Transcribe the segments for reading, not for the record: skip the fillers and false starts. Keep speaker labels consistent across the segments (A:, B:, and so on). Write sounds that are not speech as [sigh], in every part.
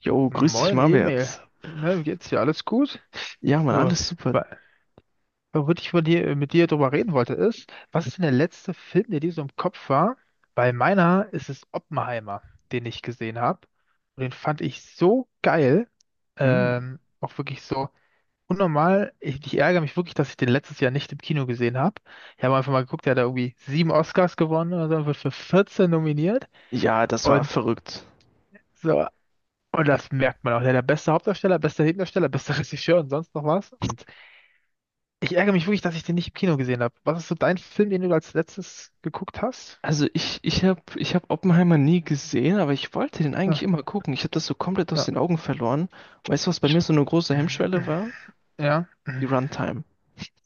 A: Jo, grüß dich,
B: Moin Emil,
A: Marwärts.
B: na, wie geht's dir? Alles gut?
A: Ja, Mann,
B: So,
A: alles super.
B: wa- worüber ich von dir, mit dir drüber reden wollte, ist, was ist denn der letzte Film, der dir so im Kopf war? Bei meiner ist es Oppenheimer, den ich gesehen habe. Und den fand ich so geil.
A: Hm.
B: Auch wirklich so unnormal. Ich ärgere mich wirklich, dass ich den letztes Jahr nicht im Kino gesehen habe. Ich habe einfach mal geguckt, der hat da irgendwie sieben Oscars gewonnen oder so, und wird für 14 nominiert.
A: Ja, das war
B: Und
A: verrückt.
B: so, und das merkt man auch. Der beste Hauptdarsteller, bester Nebendarsteller, bester [laughs] Regisseur und sonst noch was. Und ich ärgere mich wirklich, dass ich den nicht im Kino gesehen habe. Was ist so dein Film, den du als letztes geguckt hast?
A: Also ich hab Oppenheimer nie gesehen, aber ich wollte den eigentlich
B: Ja.
A: immer gucken. Ich habe das so komplett aus
B: Ja.
A: den Augen verloren. Weißt du, was bei mir so eine große Hemmschwelle war?
B: [laughs] Ja,
A: Die Runtime.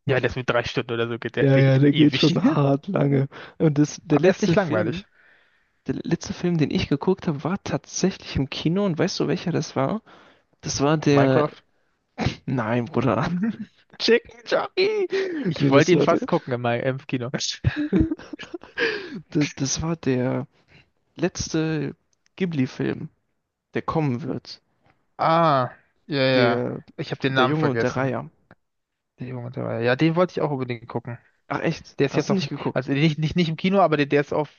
B: ja, der ist mit drei Stunden oder so, geht der,
A: Ja,
B: der
A: ja,
B: geht
A: der geht
B: ewig.
A: schon
B: [laughs]
A: hart lange. Und das,
B: Aber er ist nicht langweilig.
A: Der letzte Film, den ich geguckt habe, war tatsächlich im Kino. Und weißt du, welcher das war? Das war der...
B: Minecraft.
A: Nein, Bruder.
B: [laughs]
A: [laughs] Chicken Jockey!
B: Ich
A: Nee, das
B: wollte ihn
A: war der...
B: fast gucken im, im Kino. [laughs]
A: Das, das war der... letzte Ghibli-Film, der kommen wird.
B: Ah, ja, ja.
A: Der,
B: Ich habe den
A: Der
B: Namen
A: Junge und der
B: vergessen.
A: Reiher.
B: Die Jugend- dabei. Ja, den wollte ich auch unbedingt gucken.
A: Ach echt?
B: Der ist jetzt
A: Hast du
B: auf,
A: nicht geguckt?
B: also nicht im Kino, aber der ist auf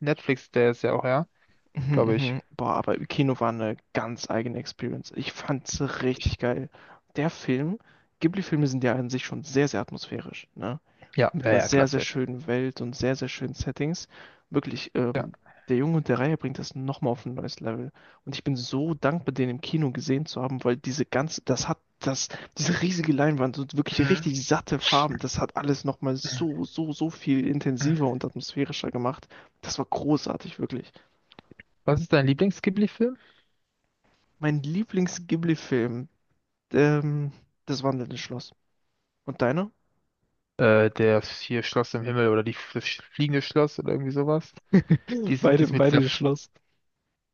B: Netflix, der ist ja auch, ja,
A: Mhm,
B: glaube ich.
A: mhm. Boah, aber im Kino war eine ganz eigene Experience. Ich fand's
B: Glaub ich.
A: richtig geil. Der Film, Ghibli-Filme sind ja an sich schon sehr, sehr atmosphärisch, ne?
B: Ja,
A: Mit
B: ja,
A: einer
B: ja,
A: sehr,
B: klar,
A: sehr
B: safe.
A: schönen Welt und sehr, sehr schönen Settings. Wirklich, der Junge und der Reihe bringt das nochmal auf ein neues Level. Und ich bin so dankbar, den im Kino gesehen zu haben, weil diese ganze, das hat das, diese riesige Leinwand und wirklich
B: Mhm.
A: richtig satte Farben, das hat alles nochmal so, so, so viel intensiver und atmosphärischer gemacht. Das war großartig, wirklich.
B: Was ist dein Lieblings-Ghibli-Film?
A: Mein Lieblings-Ghibli-Film, ähm, das wandelnde Schloss. Und deiner?
B: Der ist hier Schloss im Himmel oder die, das fliegende Schloss oder irgendwie sowas.
A: [laughs]
B: Dies,
A: Beide
B: dies mit dieser,
A: bei Schloss.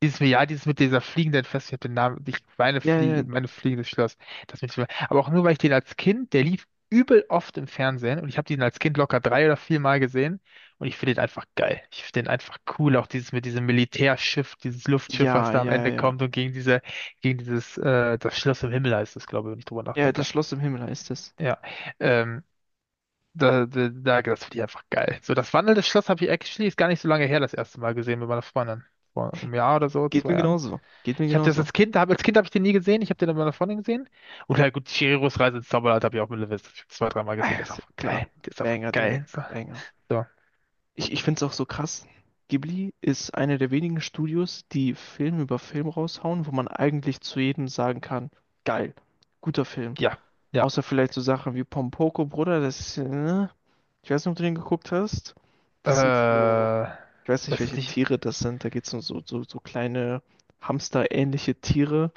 B: dieses, ja, dieses mit dieser fliegenden Fest, ich hab den Namen, ich meine
A: Ja, ja,
B: Fliege, meine fliegendes Schloss, das mit, aber auch nur, weil ich den als Kind, der lief übel oft im Fernsehen und ich habe den als Kind locker drei oder vier Mal gesehen und ich finde den einfach geil. Ich finde den einfach cool, auch dieses mit diesem Militärschiff, dieses Luftschiff, was
A: ja,
B: da am
A: ja,
B: Ende
A: ja.
B: kommt und gegen diese, gegen dieses, das Schloss im Himmel heißt es, glaube ich, wenn ich drüber
A: Ja, das
B: nachdenke.
A: Schloss im Himmel heißt es.
B: Ja, ähm, das finde ich einfach geil. So, das wandelnde Schloss habe ich actually, ist gar nicht so lange her, das erste Mal gesehen mit meiner Freundin. Vor einem Jahr oder so,
A: Geht
B: zwei
A: mir
B: Jahren.
A: genauso. Geht mir
B: Ich habe das
A: genauso.
B: als Kind, als Kind habe ich den nie gesehen. Ich habe den aber bei einer Freundin gesehen. Und oder gut, Chihiros Reise ins Zauberland habe ich auch mit Lewis zwei, dreimal
A: Ah,
B: gesehen.
A: ja,
B: Der ist
A: ist ja
B: einfach
A: klar.
B: geil. Der ist einfach
A: Banger, Digga,
B: geil. So,
A: Banger.
B: so.
A: Ich find's auch so krass. Ghibli ist einer der wenigen Studios, die Film über Film raushauen, wo man eigentlich zu jedem sagen kann, geil, guter Film.
B: Ja, ja.
A: Außer vielleicht so Sachen wie Pompoko, Bruder, das ist, ich weiß nicht, ob du den geguckt hast.
B: Äh,
A: Das sind so, ich weiß nicht,
B: Weiß ich
A: welche
B: nicht.
A: Tiere das sind. Da geht's um so, so, so kleine Hamster-ähnliche Tiere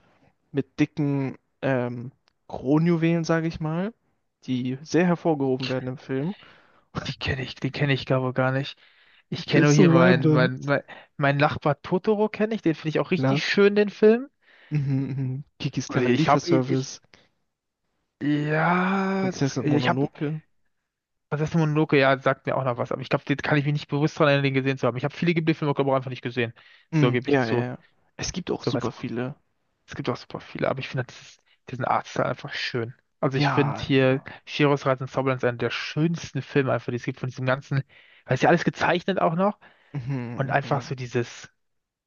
A: mit dicken Kronjuwelen, sage ich mal, die sehr hervorgehoben werden im Film.
B: Die kenne ich gar wohl gar nicht. Ich
A: Der
B: kenne
A: ist
B: nur
A: so
B: hier meinen,
A: random.
B: mein, mein Nachbar Totoro kenne ich. Den finde ich auch
A: Klar.
B: richtig schön, den Film.
A: Mhm, mhm. Kikis
B: Und
A: kleiner
B: ich habe,
A: Lieferservice,
B: ja, das,
A: Prinzessin
B: ich habe,
A: Mononoke.
B: Prinzessin Mononoke, ja, sagt mir auch noch was. Aber ich glaube, den kann ich mich nicht bewusst daran erinnern, den gesehen zu haben. Ich habe viele Ghibli-Filme, glaube ich, auch einfach nicht gesehen. So
A: Mhm,
B: gebe ich
A: ja, ja,
B: zu.
A: ja. Es gibt auch
B: Soweit
A: super
B: auch.
A: viele.
B: Es gibt auch super viele, aber ich finde dieses, diesen Artstyle einfach schön. Also ich finde
A: Ja,
B: hier
A: ja.
B: Chihiros Reise ins Zauberland ist einer der schönsten Filme einfach, die es gibt von diesem ganzen, weil es ja alles gezeichnet auch noch
A: Mhm,
B: und einfach
A: mhm.
B: so dieses,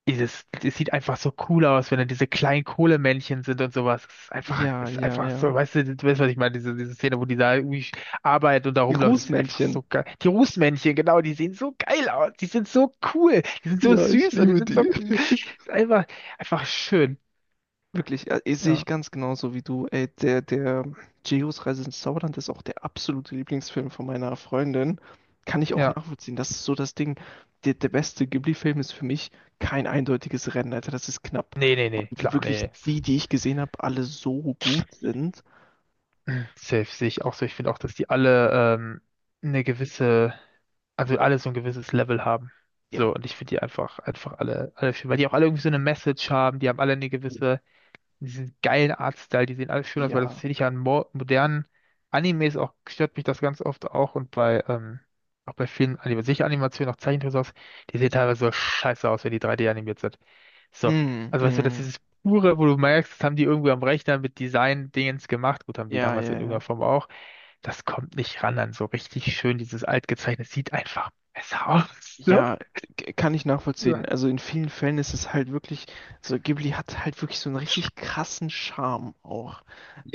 B: dieses, es sieht einfach so cool aus, wenn dann diese kleinen Kohlemännchen sind und sowas.
A: Ja,
B: Es ist
A: ja,
B: einfach so,
A: ja.
B: weißt du, du weißt, was ich meine, diese Szene, wo die da irgendwie arbeitet und da
A: Die
B: rumläuft, das sieht einfach
A: Rußmännchen.
B: so geil. Die Rußmännchen, genau, die sehen so geil aus, die sind so cool, die sind so
A: Ja, ich
B: süß und die
A: liebe
B: sind so,
A: die. [laughs]
B: einfach, einfach schön.
A: Wirklich, ja, eh, sehe ich
B: Ja.
A: ganz genauso wie du. Ey, der Chihiros Reise ins Zauberland ist auch der absolute Lieblingsfilm von meiner Freundin. Kann ich auch
B: Ja,
A: nachvollziehen. Das ist so das Ding. Der beste Ghibli-Film ist für mich kein eindeutiges Rennen, Alter. Das ist knapp.
B: nee, nee, nee,
A: Weil
B: klar,
A: wirklich
B: nee. [clears throat] s-
A: die, die ich gesehen habe, alle so gut sind.
B: Safe sehe ich auch so. Ich finde auch, dass die alle ähm, eine gewisse, also alle so ein gewisses Level haben.
A: Ja.
B: So, und ich finde die einfach, einfach alle, alle schön, weil die auch alle irgendwie so eine Message haben, die haben alle eine gewisse, diesen geilen Artstyle, die sehen alle schön aus, weil das
A: Ja.
B: finde ich ja an mo modernen Animes auch, stört mich das ganz oft auch und bei, auch bei vielen, Anim- sicher Animationen, auch Zeichentrickserien, aus, die sehen teilweise so scheiße aus, wenn die 3D animiert sind. So,
A: Mm,
B: also weißt du, das ist
A: mm.
B: dieses pure, wo du merkst, das haben die irgendwo am Rechner mit Design-Dingens gemacht. Gut, haben die
A: Ja,
B: damals
A: ja,
B: in irgendeiner
A: ja.
B: Form auch. Das kommt nicht ran an so richtig schön, dieses altgezeichnete. Sieht einfach besser aus. [laughs] So.
A: Ja, kann ich nachvollziehen. Also in vielen Fällen ist es halt wirklich, so Ghibli hat halt wirklich so einen richtig krassen Charme auch.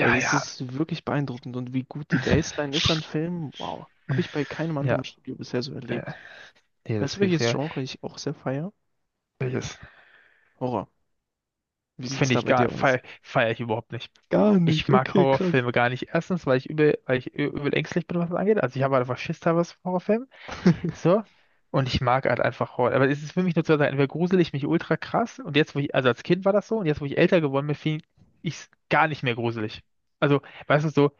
A: Das
B: ja.
A: ist wirklich beeindruckend und wie gut die Baseline ist an Filmen, wow.
B: Ja,
A: Habe ich bei keinem
B: ja.
A: anderen Studio bisher so
B: äh,
A: erlebt.
B: Nee,
A: Weißt
B: das
A: du,
B: hilft
A: welches
B: mir.
A: Genre ich auch sehr feier?
B: Das
A: Horror. Wie sieht's
B: finde
A: da
B: ich
A: bei
B: gar,
A: dir aus?
B: feier ich überhaupt nicht.
A: Gar
B: Ich
A: nicht,
B: mag
A: okay, krass.
B: Horrorfilme gar nicht. Erstens, weil ich übel, weil ich übel ängstlich bin, was das angeht. Also ich habe halt einfach Schiss teilweise vor.
A: [laughs]
B: So. Und ich mag halt einfach Horror. Aber es ist für mich nur zwei Sachen. Entweder grusel ich mich ultra krass und jetzt, wo ich, also als Kind war das so, und jetzt, wo ich älter geworden bin, finde ich es gar nicht mehr gruselig. Also, weißt du, so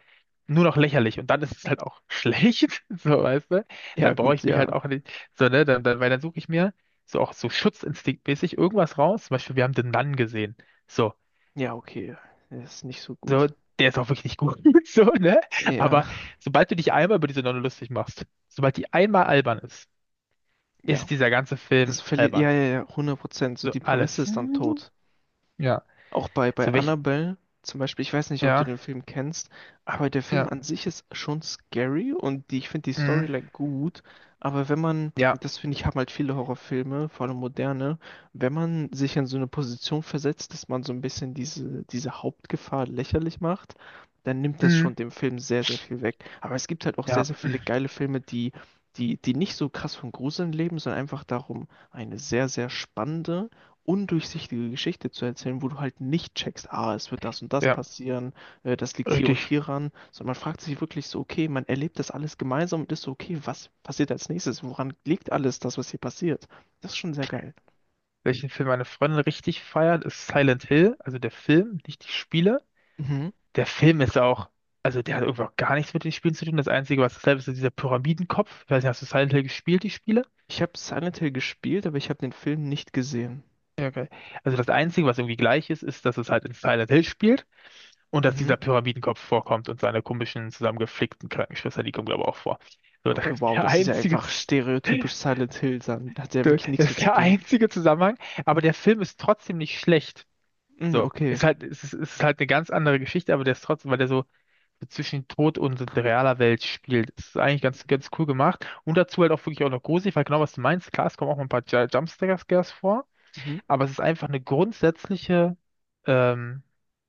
B: nur noch lächerlich. Und dann ist es halt auch [laughs] schlecht, so, weißt du.
A: Ja,
B: Dann brauche
A: gut,
B: ich mich halt
A: ja.
B: auch nicht, so, ne, dann, weil dann suche ich mir so auch so schutzinstinktmäßig irgendwas raus. Zum Beispiel, wir haben den Mann gesehen. So,
A: Ja, okay. Das ist nicht so
B: so,
A: gut.
B: der ist auch wirklich nicht gut, [laughs] so, ne.
A: Ja,
B: Aber sobald du dich einmal über diese Nonne lustig machst, sobald die einmal albern ist, ist
A: ja.
B: dieser ganze
A: Das
B: Film
A: verliert, ja,
B: albern.
A: ja, ja, 100%. So
B: So
A: die Prämisse
B: alles.
A: ist dann
B: Mhm.
A: tot.
B: Ja.
A: Auch bei
B: Zu welchen.
A: Annabelle zum Beispiel, ich weiß nicht, ob du
B: Ja,
A: den Film kennst, aber der Film
B: ja.
A: an sich ist schon scary und die, ich finde die
B: Mm,
A: Storyline gut. Aber wenn man,
B: ja.
A: das finde ich, haben halt viele Horrorfilme, vor allem moderne, wenn man sich in so eine Position versetzt, dass man so ein bisschen diese Hauptgefahr lächerlich macht, dann nimmt das
B: Mm,
A: schon dem Film sehr, sehr viel weg. Aber es gibt halt auch sehr,
B: ja.
A: sehr viele geile Filme, die nicht so krass von Gruseln leben, sondern einfach darum, eine sehr, sehr spannende undurchsichtige Geschichte zu erzählen, wo du halt nicht checkst, ah, es wird das und das
B: Ja.
A: passieren, das liegt hier und
B: Richtig.
A: hier ran, sondern man fragt sich wirklich so, okay, man erlebt das alles gemeinsam und ist so, okay, was passiert als nächstes? Woran liegt alles das, was hier passiert? Das ist schon sehr geil.
B: Welchen Film meine Freundin richtig feiert, ist Silent Hill, also der Film, nicht die Spiele.
A: Mhm.
B: Der Film ist auch, also der hat irgendwie auch gar nichts mit den Spielen zu tun. Das Einzige, was dasselbe ist, ist dieser Pyramidenkopf. Ich weiß nicht, hast du Silent Hill gespielt, die Spiele?
A: Ich habe Silent Hill gespielt, aber ich habe den Film nicht gesehen.
B: Ja, okay. Also das Einzige, was irgendwie gleich ist, ist, dass es halt in Silent Hill spielt. Und dass
A: Mhm.
B: dieser Pyramidenkopf vorkommt und seine komischen, zusammengeflickten Krankenschwester, die kommen, glaube ich, auch vor. So,
A: Ja,
B: das
A: okay,
B: ist
A: wow,
B: der
A: das ist ja
B: einzige,
A: einfach stereotypisch Silent Hill, dann hat ja wirklich nichts
B: Das
A: mehr
B: ist
A: zu
B: der
A: tun.
B: einzige Zusammenhang. Aber der Film ist trotzdem nicht schlecht.
A: Mhm,
B: So,
A: okay.
B: ist halt, es ist halt eine ganz andere Geschichte, aber der ist trotzdem, weil der so so zwischen Tod und so realer Welt spielt. Das ist eigentlich ganz, ganz cool gemacht. Und dazu halt auch wirklich auch noch gruselig, weil genau was du meinst, klar, es kommen auch mal ein paar Jumpscares vor,
A: Mhm.
B: aber es ist einfach eine grundsätzliche ähm,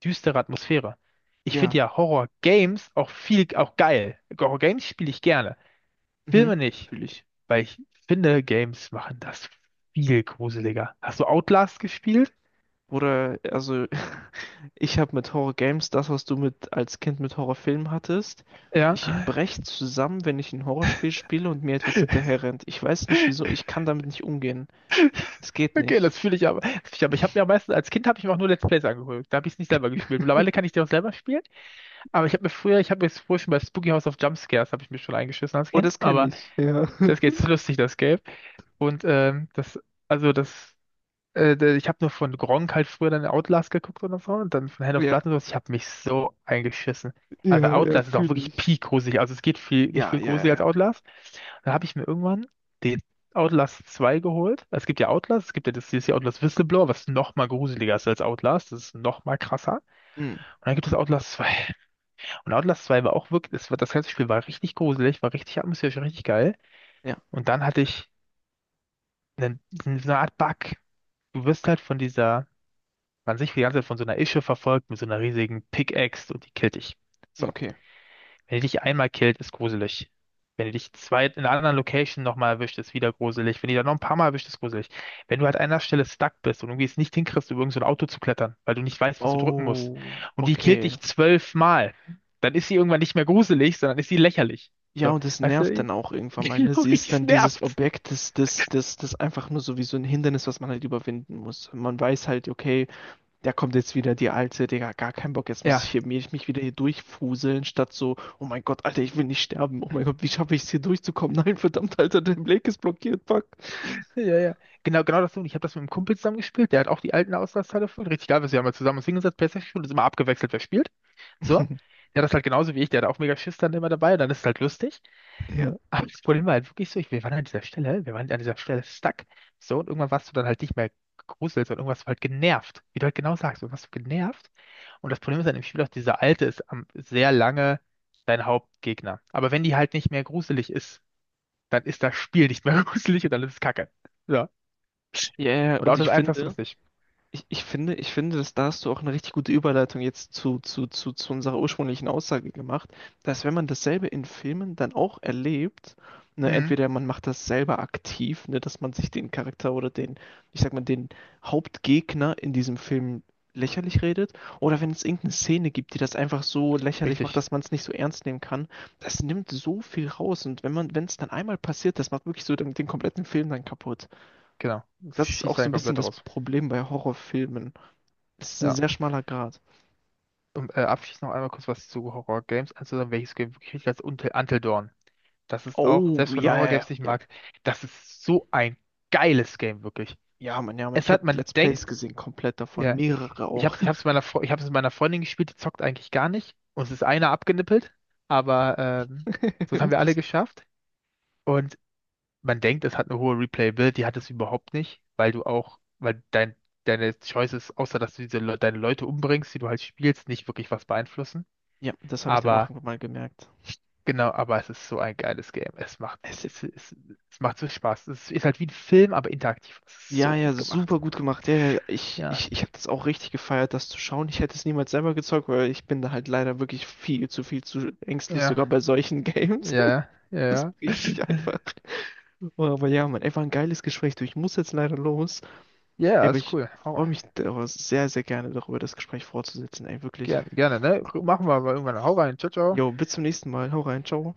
B: düstere Atmosphäre. Ich finde
A: Ja,
B: ja Horror-Games auch viel, auch geil. Horror-Games spiele ich gerne.
A: mhm.
B: Filme nicht,
A: Fühle ich.
B: weil ich finde, Games machen das viel gruseliger. Hast du Outlast gespielt?
A: Oder, also, ich habe mit Horror Games das, was du mit als Kind mit Horrorfilmen hattest.
B: Ja.
A: Ich breche zusammen, wenn ich ein Horrorspiel spiele und mir etwas
B: [laughs]
A: hinterherrennt. Ich weiß nicht wieso, ich kann damit nicht umgehen. Es geht
B: Okay,
A: nicht.
B: das fühle ich aber. Das fühl ich, aber ich habe mir meistens, als Kind habe ich mir auch nur Let's Plays angeguckt. Da habe ich es nicht selber gespielt. Mittlerweile kann ich die
A: [laughs]
B: auch selber spielen. Aber ich habe mir früher, ich habe mir früher schon bei Spooky House of Jumpscares, habe ich mir schon eingeschissen als
A: Oh,
B: Kind.
A: das kenne
B: Aber
A: ich. Ja.
B: das
A: [laughs]
B: geht lustig, das Game. Und also das, ich habe nur von Gronkh halt früher dann Outlast geguckt oder so und dann von Hand of
A: Ja,
B: Blood und sowas. Ich habe mich so eingeschissen. Aber
A: ja, ja,
B: Outlast ist auch
A: fühle
B: wirklich
A: ich.
B: peak gruselig. Also es geht viel, nicht
A: Ja,
B: viel
A: ja, ja.
B: gruseliger als
A: Ja,
B: Outlast. Dann habe ich mir irgendwann den Outlast 2 geholt. Es gibt ja Outlast, es gibt ja das DLC Outlast Whistleblower, was noch mal gruseliger ist als Outlast. Das ist noch mal krasser.
A: hm.
B: Und dann gibt es Outlast 2. Und Outlast 2 war auch wirklich, das, war- das ganze Spiel war richtig gruselig, war richtig atmosphärisch, richtig geil.
A: Ja,
B: Und dann hatte ich eine, so eine Art Bug. Du wirst halt von dieser, man sich die ganze Zeit von so einer Ische verfolgt mit so einer riesigen Pickaxe und die killt dich. So.
A: okay.
B: Wenn die dich einmal killt, ist gruselig. Wenn die dich zwei in einer anderen Location nochmal erwischt, ist wieder gruselig. Wenn die dann noch ein paar Mal erwischt, ist gruselig. Wenn du halt an einer Stelle stuck bist und irgendwie es nicht hinkriegst, über irgend so ein Auto zu klettern, weil du nicht weißt, was du drücken musst,
A: Oh,
B: und die killt
A: okay.
B: dich zwölfmal, dann ist sie irgendwann nicht mehr gruselig, sondern ist sie lächerlich.
A: Ja,
B: So,
A: und es
B: weißt
A: nervt
B: du,
A: dann auch
B: [laughs]
A: irgendwann mal, ne?
B: genau
A: Sie ist
B: richtig
A: dann dieses
B: nervt.
A: Objekt, das einfach nur so wie so ein Hindernis, was man halt überwinden muss. Man weiß halt, okay, da kommt jetzt wieder die alte, Digga, gar keinen Bock, jetzt muss ich
B: Ja.
A: hier, mich wieder hier durchfuseln, statt so, oh mein Gott, Alter, ich will nicht sterben, oh mein Gott, wie schaffe ich es hier durchzukommen? [laughs] Nein, verdammt, Alter, der Blake ist blockiert, fuck.
B: Ja, ja. Ja. Genau, genau das so. Und ich habe das mit einem Kumpel zusammen gespielt. Der hat auch die alten Auslastteile voll. Richtig geil, wir haben mal zusammen uns hingesetzt, PlayStation gespielt und sind immer abgewechselt, wer spielt. So.
A: [laughs]
B: Der hat das halt genauso wie ich. Der hat auch mega Schiss dann immer dabei. Und dann ist es halt lustig.
A: Ja.
B: Aber das Problem war halt wirklich so, ich, wir waren an dieser Stelle, wir waren an dieser Stelle stuck. So. Und irgendwann warst du dann halt nicht mehr gegruselt, sondern irgendwas war halt genervt. Wie du halt genau sagst, du warst genervt. Und das Problem ist dann im Spiel auch, dieser Alte ist am, sehr lange dein Hauptgegner. Aber wenn die halt nicht mehr gruselig ist, dann ist das Spiel nicht mehr [laughs] gruselig und dann ist es Kacke. So.
A: Ja, yeah,
B: Und
A: und
B: Auto
A: ich
B: das eins hast du
A: finde,
B: das nicht.
A: ich finde, dass da hast du auch eine richtig gute Überleitung jetzt zu unserer ursprünglichen Aussage gemacht, dass wenn man dasselbe in Filmen dann auch erlebt, ne,
B: Mhm.
A: entweder man macht das selber aktiv, ne, dass man sich den Charakter oder den, ich sag mal, den Hauptgegner in diesem Film lächerlich redet, oder wenn es irgendeine Szene gibt, die das einfach so lächerlich macht,
B: Richtig,
A: dass man es nicht so ernst nehmen kann, das nimmt so viel raus. Und wenn man, wenn es dann einmal passiert, das macht wirklich so den kompletten Film dann kaputt.
B: genau. Das
A: Das ist auch
B: schießt
A: so
B: dann
A: ein bisschen
B: komplett
A: das
B: raus.
A: Problem bei Horrorfilmen. Es ist ein
B: Ja.
A: sehr schmaler Grat.
B: Und abschließend noch einmal kurz was zu Horror-Games. Also welches Game wirklich richtig als Until Dawn. Das ist auch,
A: Oh,
B: selbst wenn
A: ja, ja, ja.
B: Horror-Games nicht
A: Ja,
B: mag, das ist so ein geiles Game, wirklich.
A: ja, Mann, ja, Mann.
B: Es
A: Ich habe
B: hat, man
A: Let's Plays
B: denkt,
A: gesehen, komplett davon.
B: ja,
A: Mehrere
B: ich
A: auch.
B: hab's, ich hab's mit meiner Freundin gespielt, die zockt eigentlich gar nicht. Uns ist einer abgenippelt, aber das
A: [laughs]
B: haben wir alle
A: Ups.
B: geschafft. Und man denkt, es hat eine hohe Replayability, hat es überhaupt nicht, weil du auch, weil dein, deine Choices, außer dass du diese, deine Leute umbringst, die du halt spielst, nicht wirklich was beeinflussen.
A: Ja, das habe ich dann auch
B: Aber
A: irgendwann mal gemerkt.
B: genau, aber es ist so ein geiles Game. Es macht,
A: Es,
B: es macht so Spaß. Es ist halt wie ein Film, aber interaktiv. Es ist
A: ja,
B: so
A: ja,
B: gut gemacht.
A: super gut gemacht. Ja, ja, ich,
B: Ja,
A: ich, ich habe das auch richtig gefeiert, das zu schauen. Ich hätte es niemals selber gezockt, weil ich bin da halt leider wirklich viel zu ängstlich, sogar
B: ja,
A: bei solchen Games.
B: ja, ja,
A: [laughs]
B: ja,
A: Richtig einfach. Oh, aber ja, Mann, ey, war ein geiles Gespräch. Du, ich muss jetzt leider los. Ey,
B: ja,
A: aber
B: ist
A: ich
B: cool. Hau,
A: freue mich sehr, sehr gerne darüber, das Gespräch fortzusetzen. Ey, wirklich.
B: gerne, gerne, ne? Machen wir mal irgendwann. Hau rein. Ciao, ciao.
A: Jo, bis zum nächsten Mal. Hau rein, ciao.